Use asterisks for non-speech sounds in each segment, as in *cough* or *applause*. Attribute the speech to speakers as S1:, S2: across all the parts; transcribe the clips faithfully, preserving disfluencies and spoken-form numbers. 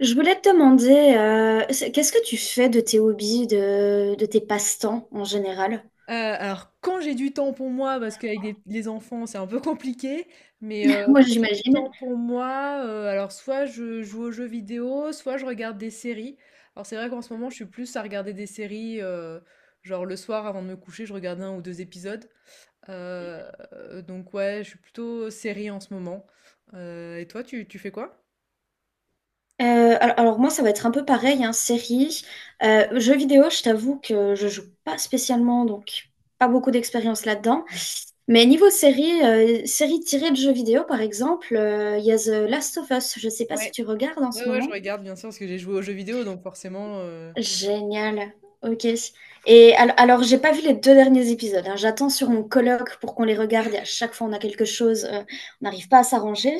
S1: Je voulais te demander, euh, c'est- qu'est-ce que tu fais de tes hobbies, de, de tes passe-temps en général?
S2: Heu, alors quand j'ai du temps pour moi, parce qu'avec des les enfants, c'est un peu compliqué, mais
S1: *laughs*
S2: heu,
S1: Moi,
S2: quand j'ai du
S1: j'imagine.
S2: temps pour moi, heu, alors soit je joue aux jeux vidéo, soit je regarde des séries. Alors c'est vrai qu'en ce moment, je suis plus à regarder des séries, heu, genre le soir avant de me coucher, je regarde un ou deux épisodes. Heu, donc ouais, je suis plutôt série en ce moment. Heu, et toi, tu tu fais quoi?
S1: Euh, al- alors, moi, ça va être un peu pareil, hein, série. Euh, jeux vidéo, je t'avoue que je joue pas spécialement, donc pas beaucoup d'expérience là-dedans. Mais niveau série, euh, série tirée de jeux vidéo, par exemple, euh, il y a The Last of Us. Je sais pas si
S2: Ouais.
S1: tu regardes en ce
S2: Ouais, ouais, je
S1: moment.
S2: regarde bien sûr, parce que j'ai joué aux jeux vidéo, donc forcément, heu
S1: Génial. Ok. Et al- alors, j'ai pas vu les deux derniers épisodes. hein. J'attends sur mon colloque pour qu'on les regarde. Et à chaque fois, on a quelque chose. euh, on n'arrive pas à s'arranger.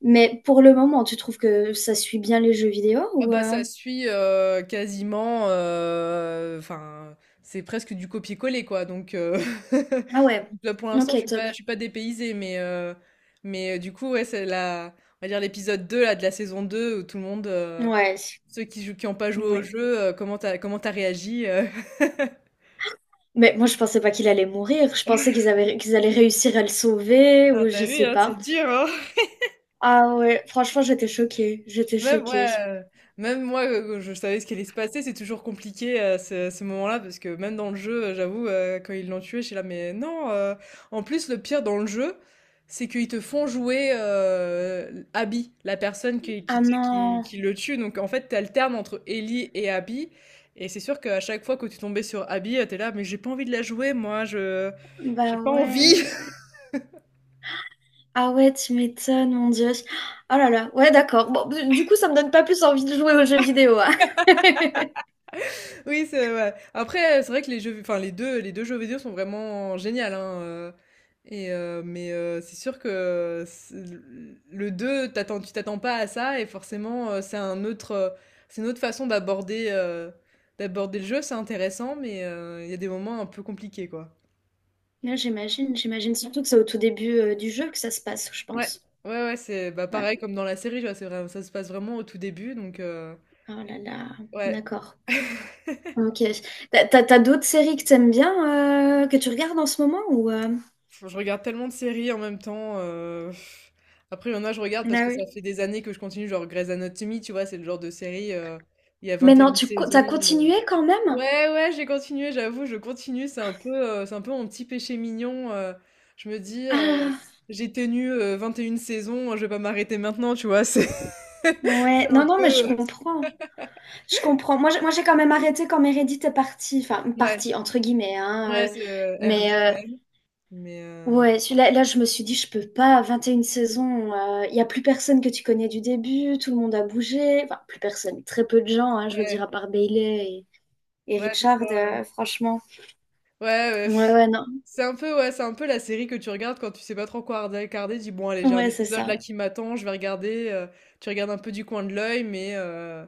S1: Mais pour le moment, tu trouves que ça suit bien les jeux vidéo
S2: Ah
S1: ou
S2: bah
S1: euh,
S2: ça suit, heu, quasiment, heu, enfin, c'est presque du copier-coller quoi donc heu, *laughs*
S1: Ah ouais.
S2: donc là pour l'instant
S1: Ok,
S2: je suis pas
S1: top.
S2: je suis pas dépaysée mais heu, mais heu, du coup ouais c'est la on va dire l'épisode deux là de la saison deux où tout le monde, heu,
S1: Ouais.
S2: ceux qui jouent qui ont pas joué au
S1: Ouais.
S2: jeu, heu, comment t'as comment t'as réagi, heu? *laughs*
S1: Mais moi, je pensais pas qu'il allait mourir. Je pensais qu'ils avaient, qu'ils allaient réussir à le sauver
S2: Ah
S1: ou
S2: t'as
S1: je
S2: vu
S1: sais
S2: hein, c'est
S1: pas.
S2: dur hein?
S1: Ah ouais. Franchement, j'étais choquée. J'étais
S2: Même,
S1: choquée.
S2: ouais, euh, même moi, euh, je savais ce qui allait se passer. C'est toujours compliqué à ce, ce moment-là parce que même dans le jeu, euh, j'avoue, euh, quand ils l'ont tué, je suis là, mais non. euh, En plus, le pire dans le jeu, c'est qu'ils te font jouer euh, Abby, la personne qui, qui,
S1: Ah
S2: tu sais, qui,
S1: non.
S2: qui le tue. Donc en fait, t'alternes entre Ellie et Abby. Et c'est sûr qu'à chaque fois que tu tombais sur Abby, euh, t'es là, mais j'ai pas envie de la jouer, moi, je, j'ai
S1: Bah
S2: pas envie.
S1: ouais. Ah ouais, tu m'étonnes, mon Dieu. Oh là là, ouais, d'accord. Bon, du coup, ça me donne pas plus envie de jouer aux jeux vidéo. hein.
S2: Oui, c'est ouais. Après, c'est vrai que les jeux, enfin les deux, les deux jeux vidéo sont vraiment géniaux, hein. euh, et euh, mais euh, c'est sûr que c'est- le deux, t'attends, tu t'attends pas à ça, et forcément, euh, c'est un autre, euh, c'est une autre façon d'aborder, euh, d'aborder le jeu. C'est intéressant, mais euh, il y a des moments un peu compliqués, quoi.
S1: Ouais, j'imagine, j'imagine surtout que c'est au tout début euh, du jeu que ça se passe, je
S2: Ouais,
S1: pense.
S2: ouais, ouais, c'est bah
S1: Ouais.
S2: pareil comme dans la série, tu vois, c'est vrai, ça se passe vraiment au tout début, donc euh,
S1: Oh là là,
S2: ouais.
S1: d'accord. Ok. T'as, t'as- t'as d'autres séries que t'aimes bien, euh, que tu regardes en ce moment ou euh,
S2: Je regarde tellement de séries en même temps, heu, après il y en a je regarde parce
S1: Ah
S2: que ça
S1: oui.
S2: fait des années que je continue, genre Grey's Anatomy, tu vois? C'est le genre de série, heu, il y a
S1: Mais non,
S2: vingt et une
S1: tu co-
S2: saisons,
S1: t'as
S2: heu
S1: continué quand même?
S2: ouais, ouais, j'ai continué, j'avoue, je continue, c'est un peu, heu, c'est un peu mon petit péché mignon, heu, je me dis, heu:
S1: Ah,
S2: «J'ai tenu, heu, vingt et une saisons, hein, je vais pas m'arrêter maintenant», tu vois? C'est *laughs*
S1: ouais.
S2: c'est un
S1: Non, non, mais je
S2: peu, heu
S1: comprends. Je comprends. Moi, j'ai moi, j'ai quand même arrêté quand Meredith est partie. Enfin,
S2: ouais,
S1: partie, entre guillemets, hein.
S2: ouais,
S1: euh,
S2: c'est, heu, elle
S1: mais
S2: revient quand
S1: euh,
S2: même, mais heu
S1: Ouais, celui-là, là, je me suis dit, je peux pas, vingt et une saisons, il y a plus personne que tu connais du début, tout le monde a bougé, enfin, plus personne, très peu de gens, hein, je veux dire,
S2: ouais,
S1: à part Bailey et, et
S2: ouais, c'est
S1: Richard,
S2: ça.
S1: euh, franchement.
S2: Ouais, ouais.
S1: Ouais,
S2: Pff.
S1: ouais, non,
S2: C'est un peu, ouais, c'est un peu la série que tu regardes quand tu sais pas trop quoi regarder. regarder, Dis bon, allez, j'ai un
S1: ouais, c'est
S2: épisode là
S1: ça.
S2: qui m'attend, je vais regarder. euh, Tu regardes un peu du coin de l'œil, mais euh,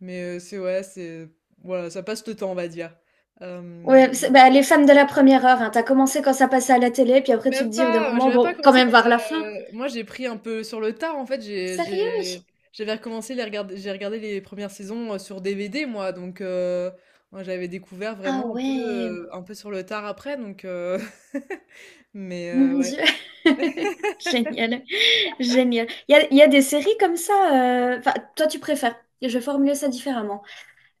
S2: mais euh, c'est ouais, c'est voilà, ça passe le temps, on va dire. Euh,
S1: Ouais, c'est- bah, les fans de la première heure, hein, t'as commencé quand ça passait à la télé, puis après, tu te
S2: Même
S1: dis, au bout d'un
S2: pas, euh, j'ai
S1: moment,
S2: même pas
S1: bon, quand
S2: commencé
S1: même
S2: quand
S1: voir
S2: ça.
S1: la fin.
S2: Euh, moi, j'ai pris un peu sur le tard en fait. J'ai
S1: Sérieux?
S2: j'ai j'avais recommencé les regarder, j'ai regardé les premières saisons euh, sur D V D moi, donc euh, moi, j'avais découvert
S1: Ah
S2: vraiment un peu
S1: ouais,
S2: euh, un peu sur le tard après, donc euh, *laughs* mais euh,
S1: mon
S2: ouais.
S1: Dieu. *laughs* Génial, génial. Il y a, y a des séries comme ça, euh, enfin, toi, tu préfères, je vais formuler ça différemment.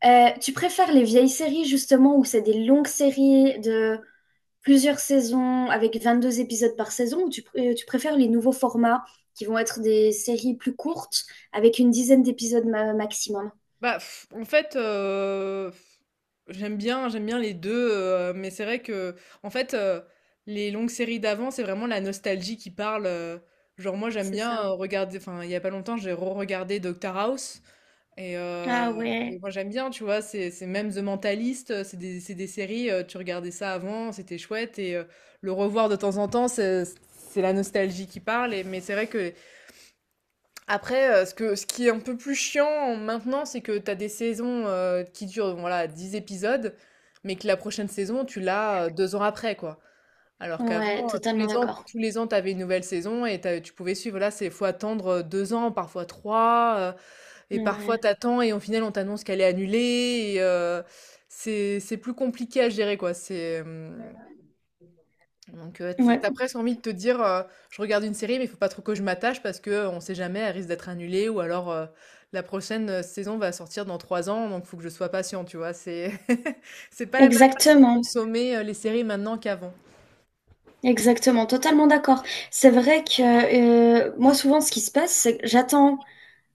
S1: Euh, tu préfères les vieilles séries justement où c'est des longues séries de plusieurs saisons avec vingt-deux épisodes par saison ou tu, pr- euh, tu préfères les nouveaux formats qui vont être des séries plus courtes avec une dizaine d'épisodes ma- maximum?
S2: Bah, pff, en fait, heu, j'aime bien j'aime bien les deux heu, mais c'est vrai que en fait, heu, les longues séries d'avant, c'est vraiment la nostalgie qui parle, heu, genre moi j'aime
S1: C'est
S2: bien,
S1: ça.
S2: heu, regarder enfin, il y a pas longtemps, j'ai re-regardé Doctor House. et heu
S1: Ah
S2: et
S1: ouais.
S2: moi j'aime bien, tu vois? C'est c'est même The Mentalist, heu, c'est des c'est des séries, heu, tu regardais ça avant, c'était chouette et heu, le revoir de temps en temps, c'est c'est la nostalgie qui parle et mais c'est vrai que après, heu, ce que ce qui est un peu plus chiant maintenant, c'est que t'as des saisons, heu, qui durent, bon, voilà, dix épisodes, mais que la prochaine saison, tu l'as, heu, deux ans après, quoi. Alors qu'avant,
S1: Ouais,
S2: heu, tous
S1: totalement
S2: les ans
S1: d'accord.
S2: tous les ans, t'avais une nouvelle saison et tu tu pouvais suivre. Là, c'est faut attendre, heu, deux ans, parfois trois, heu, et parfois
S1: Ouais,
S2: t'attends et au final, on t'annonce qu'elle est annulée et heu, c'est c'est plus compliqué à gérer, quoi. C'est, hum, donc, heu, tu
S1: ouais,
S2: as presque envie de te dire, heu: «Je regarde une série, mais il faut pas trop que je m'attache parce qu'on sait jamais, elle risque d'être annulée ou alors, heu, la prochaine, heu, saison va sortir dans trois ans, donc faut que je sois patient», tu vois? C'est *laughs* c'est pas la même façon de
S1: exactement,
S2: consommer, heu, les séries maintenant qu'avant.
S1: exactement, totalement d'accord. C'est vrai que euh, moi souvent ce qui se passe, c'est que j'attends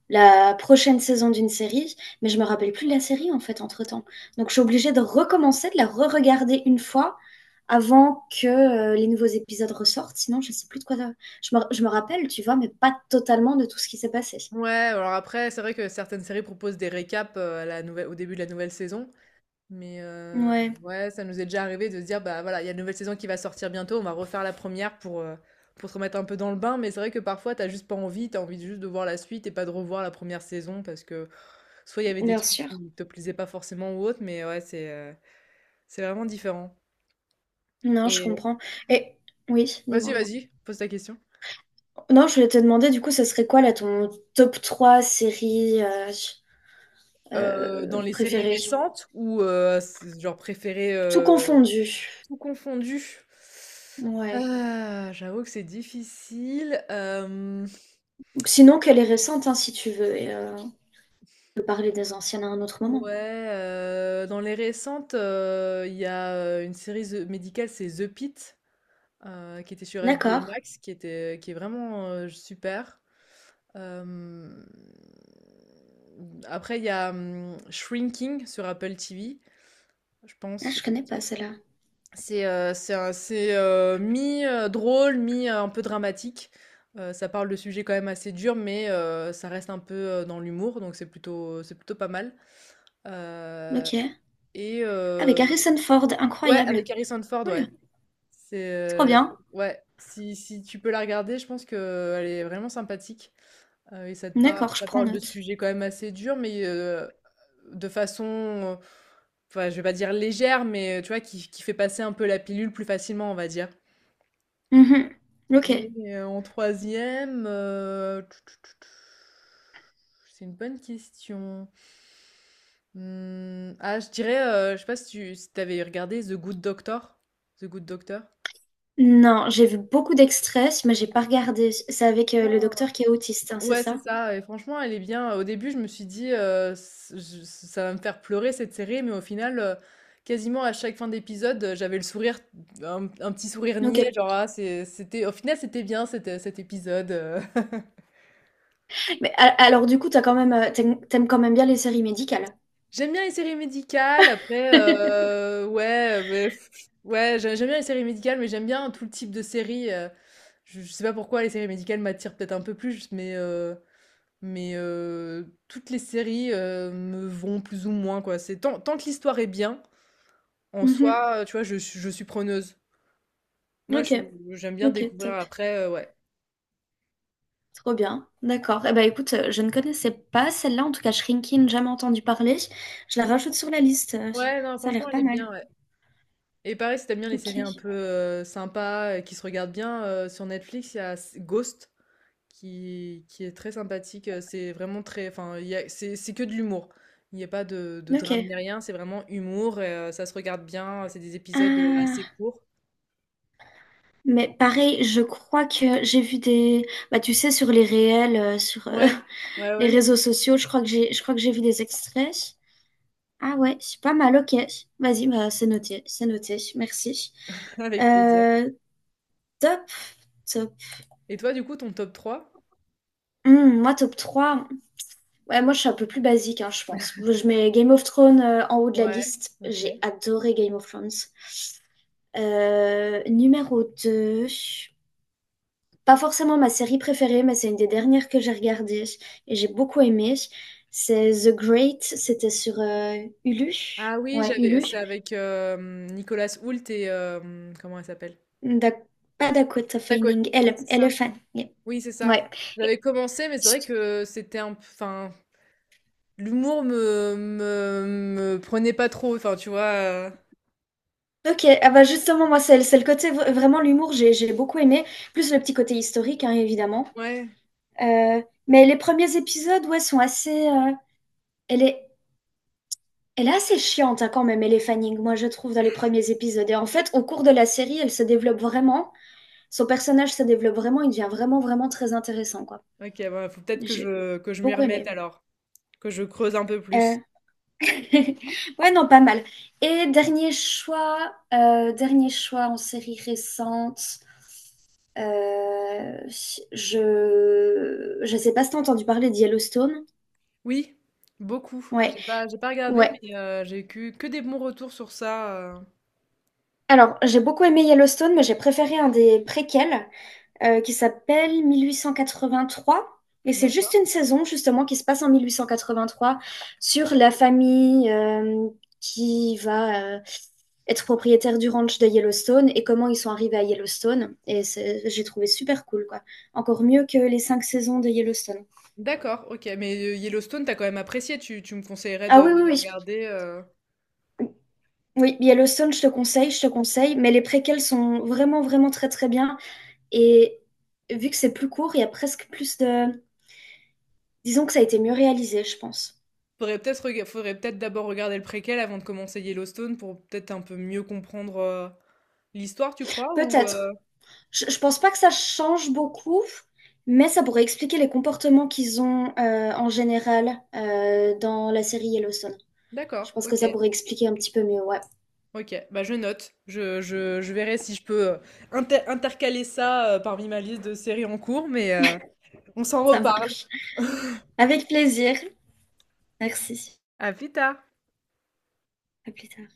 S1: la prochaine saison d'une série, mais je me rappelle plus de la série en fait entre-temps. Donc je suis obligée de recommencer, de la re-regarder une fois avant que euh, les nouveaux épisodes ressortent, sinon je sais plus de quoi. de- Je me, je me rappelle, tu vois, mais pas totalement de tout ce qui s'est passé.
S2: Ouais, alors après, c'est vrai que certaines séries proposent des récaps, heu, à la nouvel au début de la nouvelle saison. Mais euh,
S1: Ouais,
S2: ouais, ça nous est déjà arrivé de se dire, bah voilà, il y a une nouvelle saison qui va sortir bientôt, on va refaire la première pour, euh, pour se remettre un peu dans le bain. Mais c'est vrai que parfois, t'as juste pas envie, t'as envie juste de voir la suite et pas de revoir la première saison parce que soit il y avait des
S1: bien
S2: trucs
S1: sûr.
S2: qui te plaisaient pas forcément ou autre, mais ouais, c'est euh, c'est vraiment différent.
S1: Non, je
S2: Et
S1: comprends. Et oui,
S2: vas-y,
S1: dis-moi.
S2: vas-y, pose ta question.
S1: Non, je voulais te demander, du coup, ce serait quoi là ton top trois séries euh,
S2: Euh, dans
S1: euh,
S2: les séries
S1: préférées?
S2: récentes ou euh, c'est genre préférées
S1: Tout
S2: euh,
S1: confondu.
S2: tout confondu?
S1: Ouais.
S2: Ah, j'avoue que c'est difficile. Euh,
S1: Sinon, qu'elle est récente, hein, si tu veux. et, euh, peut parler des anciennes à un autre moment.
S2: Ouais, heu, dans les récentes, heu, il y a, heu, une série ze médicale, c'est The Pitt, heu, qui était sur H B O
S1: D'accord.
S2: Max, qui était qui est vraiment, heu, super. Hem, Après il y a, mmh, Shrinking sur Apple T V, je
S1: Ah,
S2: pense.
S1: je connais pas celle-là.
S2: C'est, heu, c'est un c'est, heu, mi, heu, drôle, mi, heu, un peu dramatique. Heu, ça parle de sujets quand même assez durs, mais, heu, ça reste un peu, heu, dans l'humour, donc c'est plutôt c'est plutôt pas mal. Heu
S1: Ok.
S2: et euh,
S1: Avec Harrison Ford,
S2: Ouais,
S1: incroyable.
S2: avec Harrison Ford,
S1: Cool.
S2: ouais. C'est
S1: Trop
S2: euh,
S1: bien.
S2: Ouais, si, si tu peux la regarder, je pense que elle est vraiment sympathique. Euh, et ça, te par-
S1: D'accord, je
S2: ça
S1: prends
S2: parle de
S1: note.
S2: sujets quand même assez durs, mais euh, de façon, euh, enfin, je vais pas dire légère, mais tu vois, qui, qui fait passer un peu la pilule plus facilement, on va dire.
S1: Mhm.
S2: Et
S1: Ok.
S2: euh, en troisième, euh, tu- tu- tu- tu- c'est une bonne question. Hmm, ah, je dirais, euh, je sais pas si tu si t'avais regardé The Good Doctor. The Good Doctor.
S1: Non, j'ai vu beaucoup d'extraits, mais j'ai pas regardé. C'est avec euh, le docteur qui est autiste, hein, c'est
S2: Ouais, c'est
S1: ça?
S2: ça. Et franchement, elle est bien. Au début, je me suis dit, euh, c- je- ça va me faire pleurer cette série, mais au final, euh, quasiment à chaque fin d'épisode, euh, j'avais le sourire, un, un petit sourire
S1: Ok.
S2: niais, genre, ah, c'est- c'était, au final, c'était bien cet, cet épisode. euh. *laughs*
S1: Mais a- alors du coup, t'as quand même, euh, t'aimes t'aimes quand même bien les séries médicales.
S2: J'aime bien les séries médicales. Après,
S1: *laughs*
S2: euh, ouais, mais pff, ouais, j'ai- j'aime bien les séries médicales, mais j'aime bien tout le type de séries. euh, je, je sais pas pourquoi les séries médicales m'attirent peut-être un peu plus, mais. euh, Mais heu, toutes les séries, heu, me vont plus ou moins, quoi. C'est tant tant que l'histoire est bien, en
S1: Mhm.
S2: soi, heu, tu vois, je suis je suis preneuse. Moi, je
S1: Ok.
S2: j'aime bien
S1: Ok,
S2: découvrir
S1: top.
S2: après, heu, ouais.
S1: Trop bien, d'accord. Eh ben écoute, euh, je ne connaissais pas celle-là, en tout cas Shrinkin, jamais entendu parler. Je la rajoute sur la liste, euh,
S2: Ouais, non,
S1: ça a
S2: franchement,
S1: l'air
S2: elle
S1: pas
S2: est
S1: mal.
S2: bien, ouais. Et pareil, si t'aimes bien les
S1: Ok,
S2: séries un peu, heu, sympas, heu, qui se regardent bien, heu, sur Netflix, il y a s Ghost qui qui est très sympathique, heu, c'est vraiment très enfin, il y a c'est c'est que de l'humour. Il y a pas de de drame ni
S1: ok.
S2: rien, c'est vraiment humour et heu, ça se regarde bien, c'est des épisodes, heu, assez
S1: Ah,
S2: courts.
S1: mais pareil, je crois que j'ai vu des... Bah tu sais, sur les réels, euh, sur euh,
S2: Ouais, ouais,
S1: *laughs* les
S2: ouais.
S1: réseaux sociaux, je crois que j'ai, je crois que j'ai vu des extraits. Ah ouais, c'est pas mal, ok. Vas-y, bah c'est noté, c'est noté, merci.
S2: *laughs* Avec plaisir.
S1: Euh, Top, top.
S2: Et toi, du coup, ton top trois?
S1: Hmm, moi, top trois. Ouais, moi, je suis un peu plus basique, hein, je pense. Je mets Game of Thrones euh, en haut de la
S2: Ouais,
S1: liste.
S2: OK.
S1: J'ai adoré Game of Thrones. Euh, numéro deux, pas forcément ma série préférée, mais c'est une des dernières que j'ai regardées et j'ai beaucoup aimé. C'est The Great, c'était sur euh, Hulu.
S2: Ah oui,
S1: Ouais,
S2: j'avais
S1: Hulu.
S2: c'est avec, hem, Nicolas Hoult et hem, comment elle s'appelle?
S1: Da- Pas Dakota
S2: D'accord.
S1: Fanning,
S2: Oui,
S1: elle,
S2: c'est ça.
S1: Elephant. Yeah.
S2: Oui, c'est ça.
S1: Ouais. Et-
S2: J'avais commencé, mais c'est vrai que c'était un p enfin, l'humour me me me prenait pas trop, enfin, tu vois, heu?
S1: Ok, ah bah justement, moi, c'est c'est le côté v- vraiment l'humour, j'ai j'ai beaucoup aimé, plus le petit côté historique, hein, évidemment.
S2: Ouais,
S1: Euh, mais les premiers épisodes, ouais, sont assez. euh, elle est, elle est assez chiante hein, quand même, elle est Fanning, moi je trouve, dans les premiers épisodes. Et en fait, au cours de la série, elle se développe vraiment. Son personnage se développe vraiment. Il devient vraiment, vraiment très intéressant, quoi.
S2: OK, bah, faut peut-être que
S1: J'ai
S2: je que je m'y
S1: beaucoup
S2: remette
S1: aimé.
S2: alors, que je creuse un peu
S1: Euh,
S2: plus.
S1: *laughs* Ouais, non, pas mal. Et dernier choix, euh, dernier choix en série récente. euh, je je sais pas si t'as entendu parler de Yellowstone.
S2: Oui, beaucoup.
S1: Ouais,
S2: J'ai pas j'ai pas regardé,
S1: ouais.
S2: mais heu, j'ai eu que que des bons retours sur ça, heu.
S1: Alors, j'ai beaucoup aimé Yellowstone, mais j'ai préféré un des préquels euh, qui s'appelle mille huit cent quatre-vingt-trois. Et c'est juste
S2: D'accord.
S1: une saison, justement, qui se passe en mille huit cent quatre-vingt-trois sur la famille euh, qui va euh, être propriétaire du ranch de Yellowstone et comment ils sont arrivés à Yellowstone. Et c'est- j'ai trouvé super cool, quoi. Encore mieux que les cinq saisons de Yellowstone.
S2: D'accord, OK, mais, heu, Yellowstone, t'as quand même apprécié, tu tu me conseillerais
S1: Ah
S2: de
S1: oui, oui,
S2: de
S1: oui.
S2: regarder, heu
S1: Oui, Yellowstone, je te conseille, je te conseille. Mais les préquels sont vraiment, vraiment très, très bien. Et vu que c'est plus court, il y a presque plus de... Disons que ça a été mieux réalisé, je pense.
S2: faudrait peut-être rega faudrait peut-être d'abord regarder le préquel avant de commencer Yellowstone pour peut-être un peu mieux comprendre, heu, l'histoire, tu crois? Ou, heu
S1: Peut-être. Je, je pense pas que ça change beaucoup, mais ça pourrait expliquer les comportements qu'ils ont euh, en général euh, dans la série Yellowstone. Je
S2: d'accord,
S1: pense que
S2: OK,
S1: ça pourrait expliquer un petit peu mieux, ouais.
S2: OK, bah, je note. Je je je verrai si je peux, heu, inter intercaler ça, heu, parmi ma liste de séries en cours, mais, heu, on s'en
S1: Ça
S2: reparle.
S1: marche. Avec plaisir. Merci.
S2: À plus tard.
S1: À plus tard.